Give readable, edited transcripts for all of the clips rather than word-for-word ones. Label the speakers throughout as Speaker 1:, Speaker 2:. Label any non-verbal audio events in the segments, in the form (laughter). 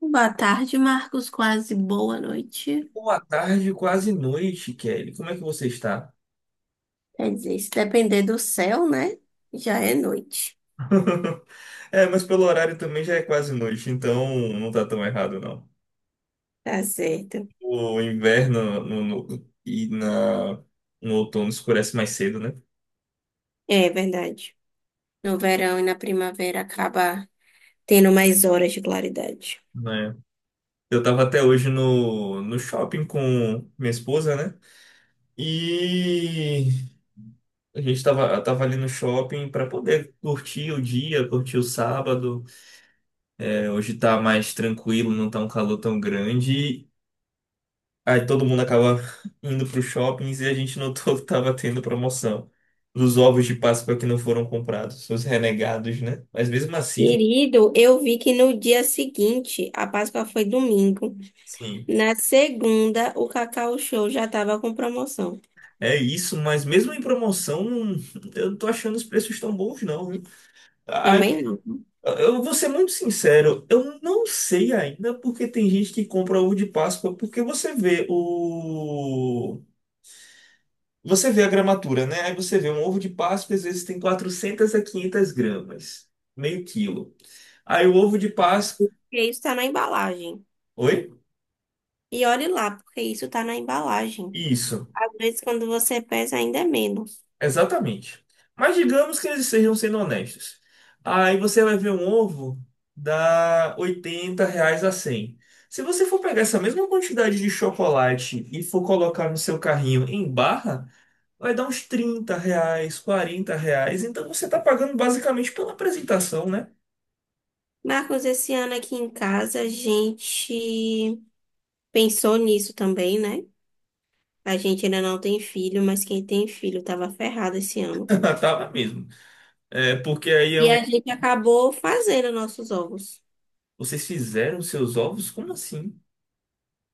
Speaker 1: Boa tarde, Marcos. Quase boa noite.
Speaker 2: Boa tarde, quase noite, Kelly. Como é que você está?
Speaker 1: Quer dizer, se depender do céu, né? Já é noite.
Speaker 2: (laughs) É, mas pelo horário também já é quase noite, então não tá tão errado, não.
Speaker 1: Tá certo.
Speaker 2: O inverno no outono escurece mais cedo, né?
Speaker 1: É verdade. No verão e na primavera acaba tendo mais horas de claridade.
Speaker 2: Né? Eu tava até hoje no shopping com minha esposa, né? E a gente tava ali no shopping para poder curtir o dia, curtir o sábado. É, hoje tá mais tranquilo, não tá um calor tão grande. Aí todo mundo acaba indo para os shoppings e a gente notou que estava tendo promoção dos ovos de Páscoa que não foram comprados, os renegados, né? Mas mesmo assim, gente,
Speaker 1: Querido, eu vi que no dia seguinte, a Páscoa foi domingo.
Speaker 2: sim,
Speaker 1: Na segunda, o Cacau Show já estava com promoção.
Speaker 2: é isso. Mas mesmo em promoção, eu não tô achando os preços tão bons, não, viu? Ah,
Speaker 1: Também não, né?
Speaker 2: eu vou ser muito sincero, eu não sei ainda porque tem gente que compra ovo de Páscoa, porque você vê a gramatura, né? Aí você vê um ovo de Páscoa, às vezes tem 400 a 500 gramas, meio quilo. Aí o ovo de Páscoa.
Speaker 1: Porque isso está na embalagem.
Speaker 2: Oi?
Speaker 1: E olhe lá, porque isso está na embalagem.
Speaker 2: Isso,
Speaker 1: Às vezes, quando você pesa, ainda é menos.
Speaker 2: exatamente. Mas digamos que eles sejam sendo honestos. Aí você vai ver um ovo dá R$ 80 a 100. Se você for pegar essa mesma quantidade de chocolate e for colocar no seu carrinho em barra, vai dar uns R$ 30, R$ 40. Então você está pagando basicamente pela apresentação, né?
Speaker 1: Marcos, esse ano aqui em casa a gente pensou nisso também, né? A gente ainda não tem filho, mas quem tem filho tava ferrado esse ano.
Speaker 2: (laughs) Tava mesmo. É, porque aí é
Speaker 1: E
Speaker 2: um.
Speaker 1: a gente acabou fazendo nossos ovos.
Speaker 2: Vocês fizeram os seus ovos? Como assim?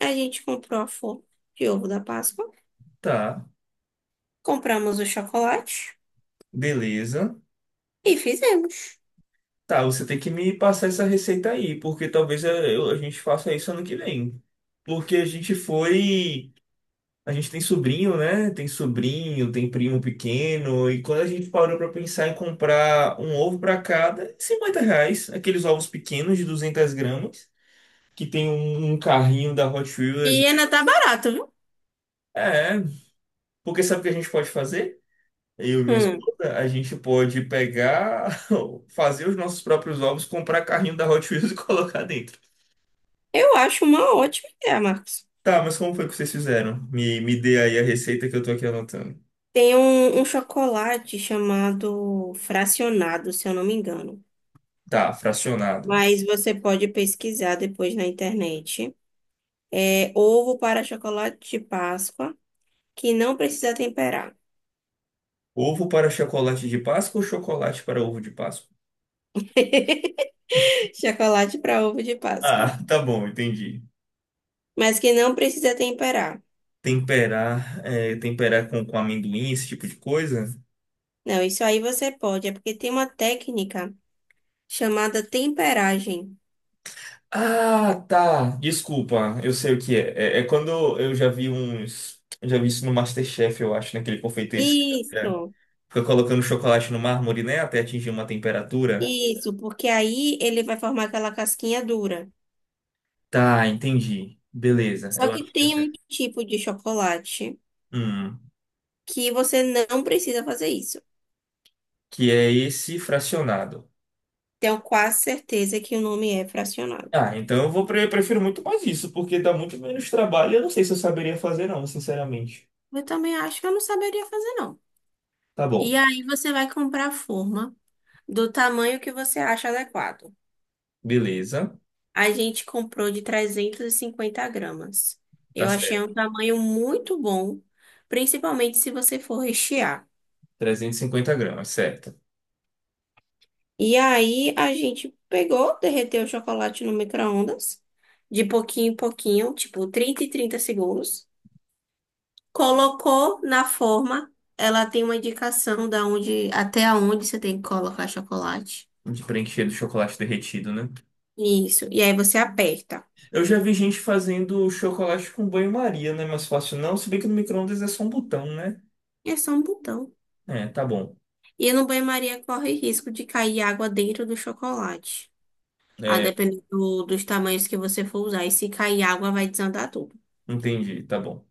Speaker 1: A gente comprou a forma de ovo da Páscoa,
Speaker 2: Tá,
Speaker 1: compramos o chocolate
Speaker 2: beleza.
Speaker 1: e fizemos.
Speaker 2: Tá, você tem que me passar essa receita aí, porque talvez a gente faça isso ano que vem. Porque a gente foi. A gente tem sobrinho, né? Tem sobrinho, tem primo pequeno, e quando a gente parou pra pensar em comprar um ovo pra cada, R$ 50, aqueles ovos pequenos de 200 gramas, que tem um carrinho da Hot
Speaker 1: E
Speaker 2: Wheels.
Speaker 1: ainda tá barato, viu?
Speaker 2: É, porque sabe o que a gente pode fazer? Eu e minha
Speaker 1: Hum,
Speaker 2: esposa, a gente pode pegar, (laughs) fazer os nossos próprios ovos, comprar carrinho da Hot Wheels e (laughs) colocar dentro.
Speaker 1: eu acho uma ótima ideia, Marcos.
Speaker 2: Tá, mas como foi que vocês fizeram? Me dê aí a receita que eu tô aqui anotando.
Speaker 1: Tem um chocolate chamado fracionado, se eu não me engano.
Speaker 2: Tá, fracionado.
Speaker 1: Mas você pode pesquisar depois na internet. É ovo para chocolate de Páscoa, que não precisa temperar.
Speaker 2: Ovo para chocolate de Páscoa ou chocolate para ovo de Páscoa?
Speaker 1: (laughs) Chocolate para ovo de Páscoa.
Speaker 2: Ah, (laughs) tá bom, entendi.
Speaker 1: Mas que não precisa temperar.
Speaker 2: Temperar, é, temperar com amendoim, esse tipo de coisa?
Speaker 1: Não, isso aí você pode, é porque tem uma técnica chamada temperagem.
Speaker 2: Ah, tá. Desculpa, eu sei o que é. É, é quando eu já vi uns. Eu já vi isso no MasterChef, eu acho, naquele confeiteiro.
Speaker 1: Isso,
Speaker 2: Fica colocando chocolate no mármore, né? Até atingir uma temperatura.
Speaker 1: isso, porque aí ele vai formar aquela casquinha dura.
Speaker 2: Tá, entendi. Beleza.
Speaker 1: Só
Speaker 2: Eu
Speaker 1: que
Speaker 2: acho que é
Speaker 1: tem um
Speaker 2: certo.
Speaker 1: tipo de chocolate
Speaker 2: Hum,
Speaker 1: que você não precisa fazer isso.
Speaker 2: que é esse fracionado.
Speaker 1: Tenho quase certeza que o nome é fracionado.
Speaker 2: Ah, então eu vou prefiro muito mais isso, porque dá muito menos trabalho. Eu não sei se eu saberia fazer, não, sinceramente.
Speaker 1: Eu também acho que eu não saberia fazer, não.
Speaker 2: Tá bom.
Speaker 1: E aí você vai comprar a forma do tamanho que você acha adequado.
Speaker 2: Beleza.
Speaker 1: A gente comprou de 350 gramas.
Speaker 2: Tá
Speaker 1: Eu achei
Speaker 2: certo.
Speaker 1: um tamanho muito bom, principalmente se você for rechear.
Speaker 2: 350 gramas, certo.
Speaker 1: E aí a gente pegou, derreteu o chocolate no micro-ondas, de pouquinho em pouquinho, tipo 30 e 30 segundos. Colocou na forma, ela tem uma indicação da onde, até aonde você tem que colocar chocolate.
Speaker 2: De preencher do chocolate derretido, né?
Speaker 1: Isso. E aí você aperta.
Speaker 2: Eu já vi gente fazendo chocolate com banho-maria, né? Mais fácil não. Se bem que no micro-ondas é só um botão, né?
Speaker 1: É só um botão.
Speaker 2: É, tá bom.
Speaker 1: E no banho-maria corre risco de cair água dentro do chocolate. A
Speaker 2: É,
Speaker 1: depender dos tamanhos que você for usar. E se cair água, vai desandar tudo.
Speaker 2: entendi, tá bom.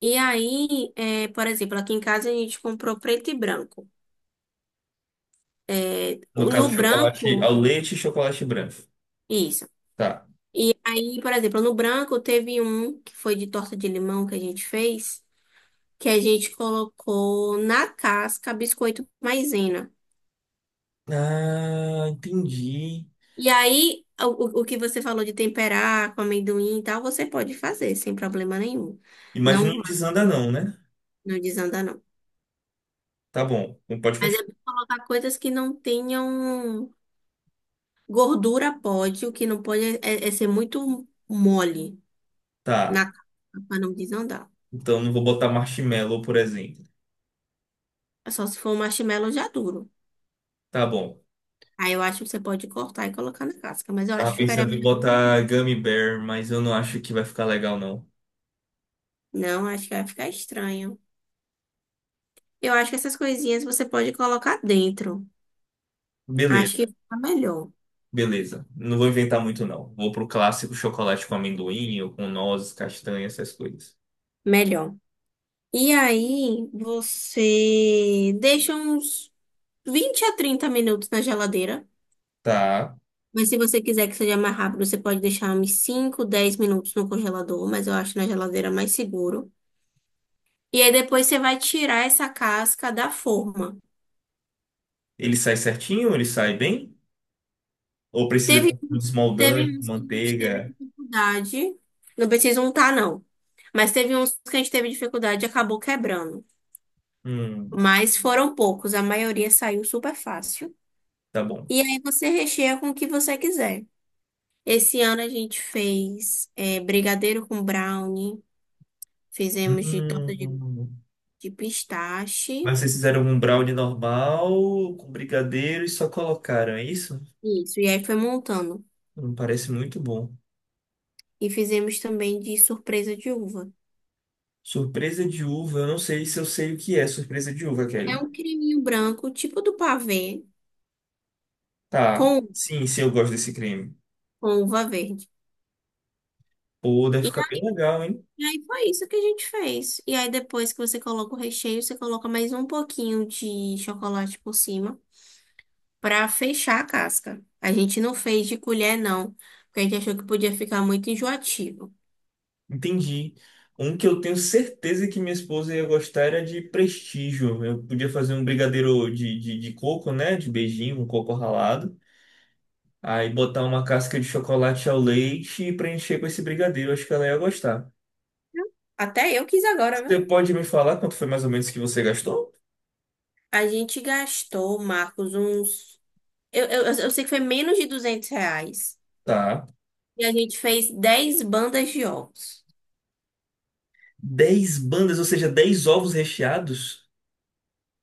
Speaker 1: E aí, por exemplo, aqui em casa a gente comprou preto e branco. É,
Speaker 2: No caso,
Speaker 1: no
Speaker 2: chocolate ao
Speaker 1: branco,
Speaker 2: leite e chocolate branco.
Speaker 1: isso.
Speaker 2: Tá.
Speaker 1: E aí, por exemplo, no branco teve um que foi de torta de limão que a gente fez, que a gente colocou na casca biscoito maisena.
Speaker 2: Ah, entendi.
Speaker 1: E aí, o que você falou de temperar com amendoim e tal, você pode fazer sem problema nenhum.
Speaker 2: Mas
Speaker 1: Não,
Speaker 2: não desanda não, né?
Speaker 1: não desanda, não.
Speaker 2: Tá bom. Não pode
Speaker 1: Mas
Speaker 2: continuar.
Speaker 1: é bom colocar coisas que não tenham gordura, pode. O que não pode é ser muito mole na
Speaker 2: Tá.
Speaker 1: casca para não desandar.
Speaker 2: Então não vou botar marshmallow, por exemplo.
Speaker 1: É só se for um marshmallow já duro.
Speaker 2: Tá bom.
Speaker 1: Aí eu acho que você pode cortar e colocar na casca, mas eu acho
Speaker 2: Tava
Speaker 1: que ficaria
Speaker 2: pensando em
Speaker 1: melhor.
Speaker 2: botar gummy bear, mas eu não acho que vai ficar legal, não.
Speaker 1: Não, acho que vai ficar estranho. Eu acho que essas coisinhas você pode colocar dentro. Acho
Speaker 2: Beleza,
Speaker 1: que fica melhor.
Speaker 2: beleza. Não vou inventar muito, não. Vou pro clássico chocolate com amendoim ou com nozes, castanha, essas coisas.
Speaker 1: Melhor. E aí, você deixa uns 20 a 30 minutos na geladeira.
Speaker 2: Tá.
Speaker 1: Mas se você quiser que seja mais rápido, você pode deixar uns 5, 10 minutos no congelador. Mas eu acho na geladeira mais seguro. E aí, depois você vai tirar essa casca da forma.
Speaker 2: Ele sai certinho? Ele sai bem? Ou precisa
Speaker 1: Teve,
Speaker 2: ter um
Speaker 1: teve
Speaker 2: desmoldante,
Speaker 1: uns que a gente teve
Speaker 2: manteiga?
Speaker 1: dificuldade. Não precisa untar, não. Mas teve uns que a gente teve dificuldade e acabou quebrando.
Speaker 2: Hum,
Speaker 1: Mas foram poucos, a maioria saiu super fácil.
Speaker 2: tá bom.
Speaker 1: E aí você recheia com o que você quiser. Esse ano a gente fez brigadeiro com brownie, fizemos de torta de,
Speaker 2: Hum.
Speaker 1: de pistache.
Speaker 2: Mas vocês fizeram um brownie normal com brigadeiro e só colocaram, é isso?
Speaker 1: Isso, e aí foi montando.
Speaker 2: Não parece muito bom.
Speaker 1: E fizemos também de surpresa de uva.
Speaker 2: Surpresa de uva, eu não sei se eu sei o que é surpresa de uva,
Speaker 1: É
Speaker 2: Kelly.
Speaker 1: um creminho branco, tipo do pavê,
Speaker 2: Tá,
Speaker 1: com,
Speaker 2: sim, sim, eu gosto desse creme.
Speaker 1: com uva verde.
Speaker 2: Pô, deve ficar bem legal, hein?
Speaker 1: E aí foi isso que a gente fez. E aí depois que você coloca o recheio, você coloca mais um pouquinho de chocolate por cima, para fechar a casca. A gente não fez de colher, não, porque a gente achou que podia ficar muito enjoativo.
Speaker 2: Entendi. Um que eu tenho certeza que minha esposa ia gostar era de prestígio. Eu podia fazer um brigadeiro de coco, né? De beijinho, um coco ralado. Aí botar uma casca de chocolate ao leite e preencher com esse brigadeiro. Acho que ela ia gostar.
Speaker 1: Até eu quis agora,
Speaker 2: Você
Speaker 1: viu?
Speaker 2: pode me falar quanto foi mais ou menos que você gastou?
Speaker 1: A gente gastou, Marcos, uns. Eu sei que foi menos de R$ 200.
Speaker 2: Tá.
Speaker 1: E a gente fez 10 bandas de ovos.
Speaker 2: Dez bandas, ou seja, 10 ovos recheados?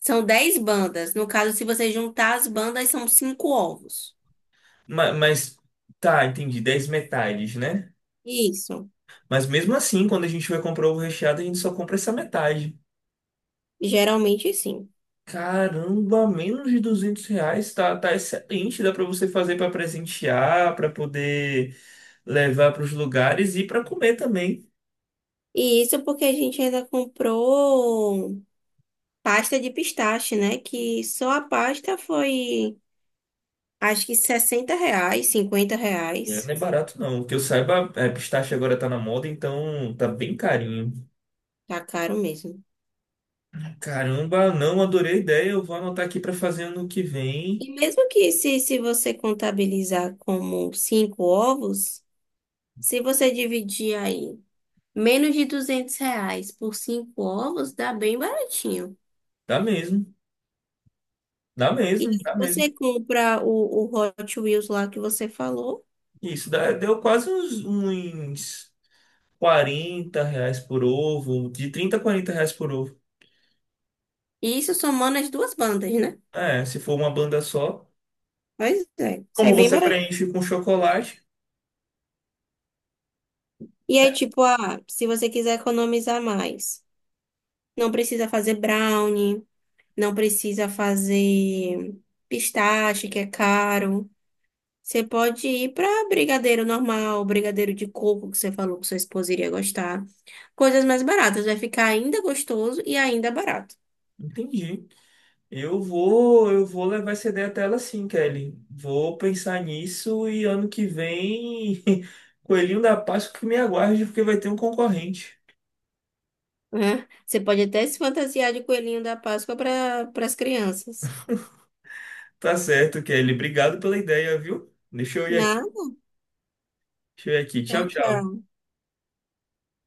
Speaker 1: São 10 bandas. No caso, se você juntar as bandas, são cinco ovos.
Speaker 2: Ma- Mas, tá, entendi. 10 metades, né?
Speaker 1: Isso.
Speaker 2: Mas mesmo assim, quando a gente vai comprar ovo recheado, a gente só compra essa metade.
Speaker 1: Geralmente, sim.
Speaker 2: Caramba, menos de R$ 200. Tá, tá excelente. Dá pra você fazer pra presentear, pra poder levar pros lugares e pra comer também.
Speaker 1: E isso porque a gente ainda comprou pasta de pistache, né? Que só a pasta foi. Acho que R$ 60, 50
Speaker 2: É, não
Speaker 1: reais.
Speaker 2: é barato, não. Que eu saiba, é, pistache agora tá na moda, então tá bem carinho.
Speaker 1: Tá caro mesmo.
Speaker 2: Caramba, não, adorei a ideia. Eu vou anotar aqui para fazer ano que vem.
Speaker 1: E mesmo que se você contabilizar como cinco ovos, se você dividir aí menos de R$ 200 por cinco ovos, dá bem baratinho.
Speaker 2: Dá mesmo, dá
Speaker 1: E
Speaker 2: mesmo,
Speaker 1: se
Speaker 2: dá mesmo.
Speaker 1: você compra o Hot Wheels lá que você falou,
Speaker 2: Isso, dá- deu quase uns R$ 40 por ovo, de R$ 30 a R$ 40 por ovo.
Speaker 1: e isso somando as duas bandas, né?
Speaker 2: É, se for uma banda só.
Speaker 1: Pois é, sai
Speaker 2: Como
Speaker 1: bem
Speaker 2: você
Speaker 1: baratinho.
Speaker 2: preenche com chocolate,
Speaker 1: E aí, tipo, ah, se você quiser economizar mais, não precisa fazer brownie. Não precisa fazer pistache, que é caro. Você pode ir para brigadeiro normal, brigadeiro de coco, que você falou que sua esposa iria gostar. Coisas mais baratas, vai ficar ainda gostoso e ainda barato,
Speaker 2: entendi. Eu vou levar essa ideia até ela sim, Kelly. Vou pensar nisso e ano que vem, (laughs) coelhinho da Páscoa que me aguarde, porque vai ter um concorrente.
Speaker 1: né? Você pode até se fantasiar de coelhinho da Páscoa para as crianças.
Speaker 2: Tá certo, Kelly. Obrigado pela ideia, viu? Deixa eu ir aqui.
Speaker 1: Nada,
Speaker 2: Deixa eu ir aqui.
Speaker 1: tchau,
Speaker 2: Tchau, tchau.
Speaker 1: tchau.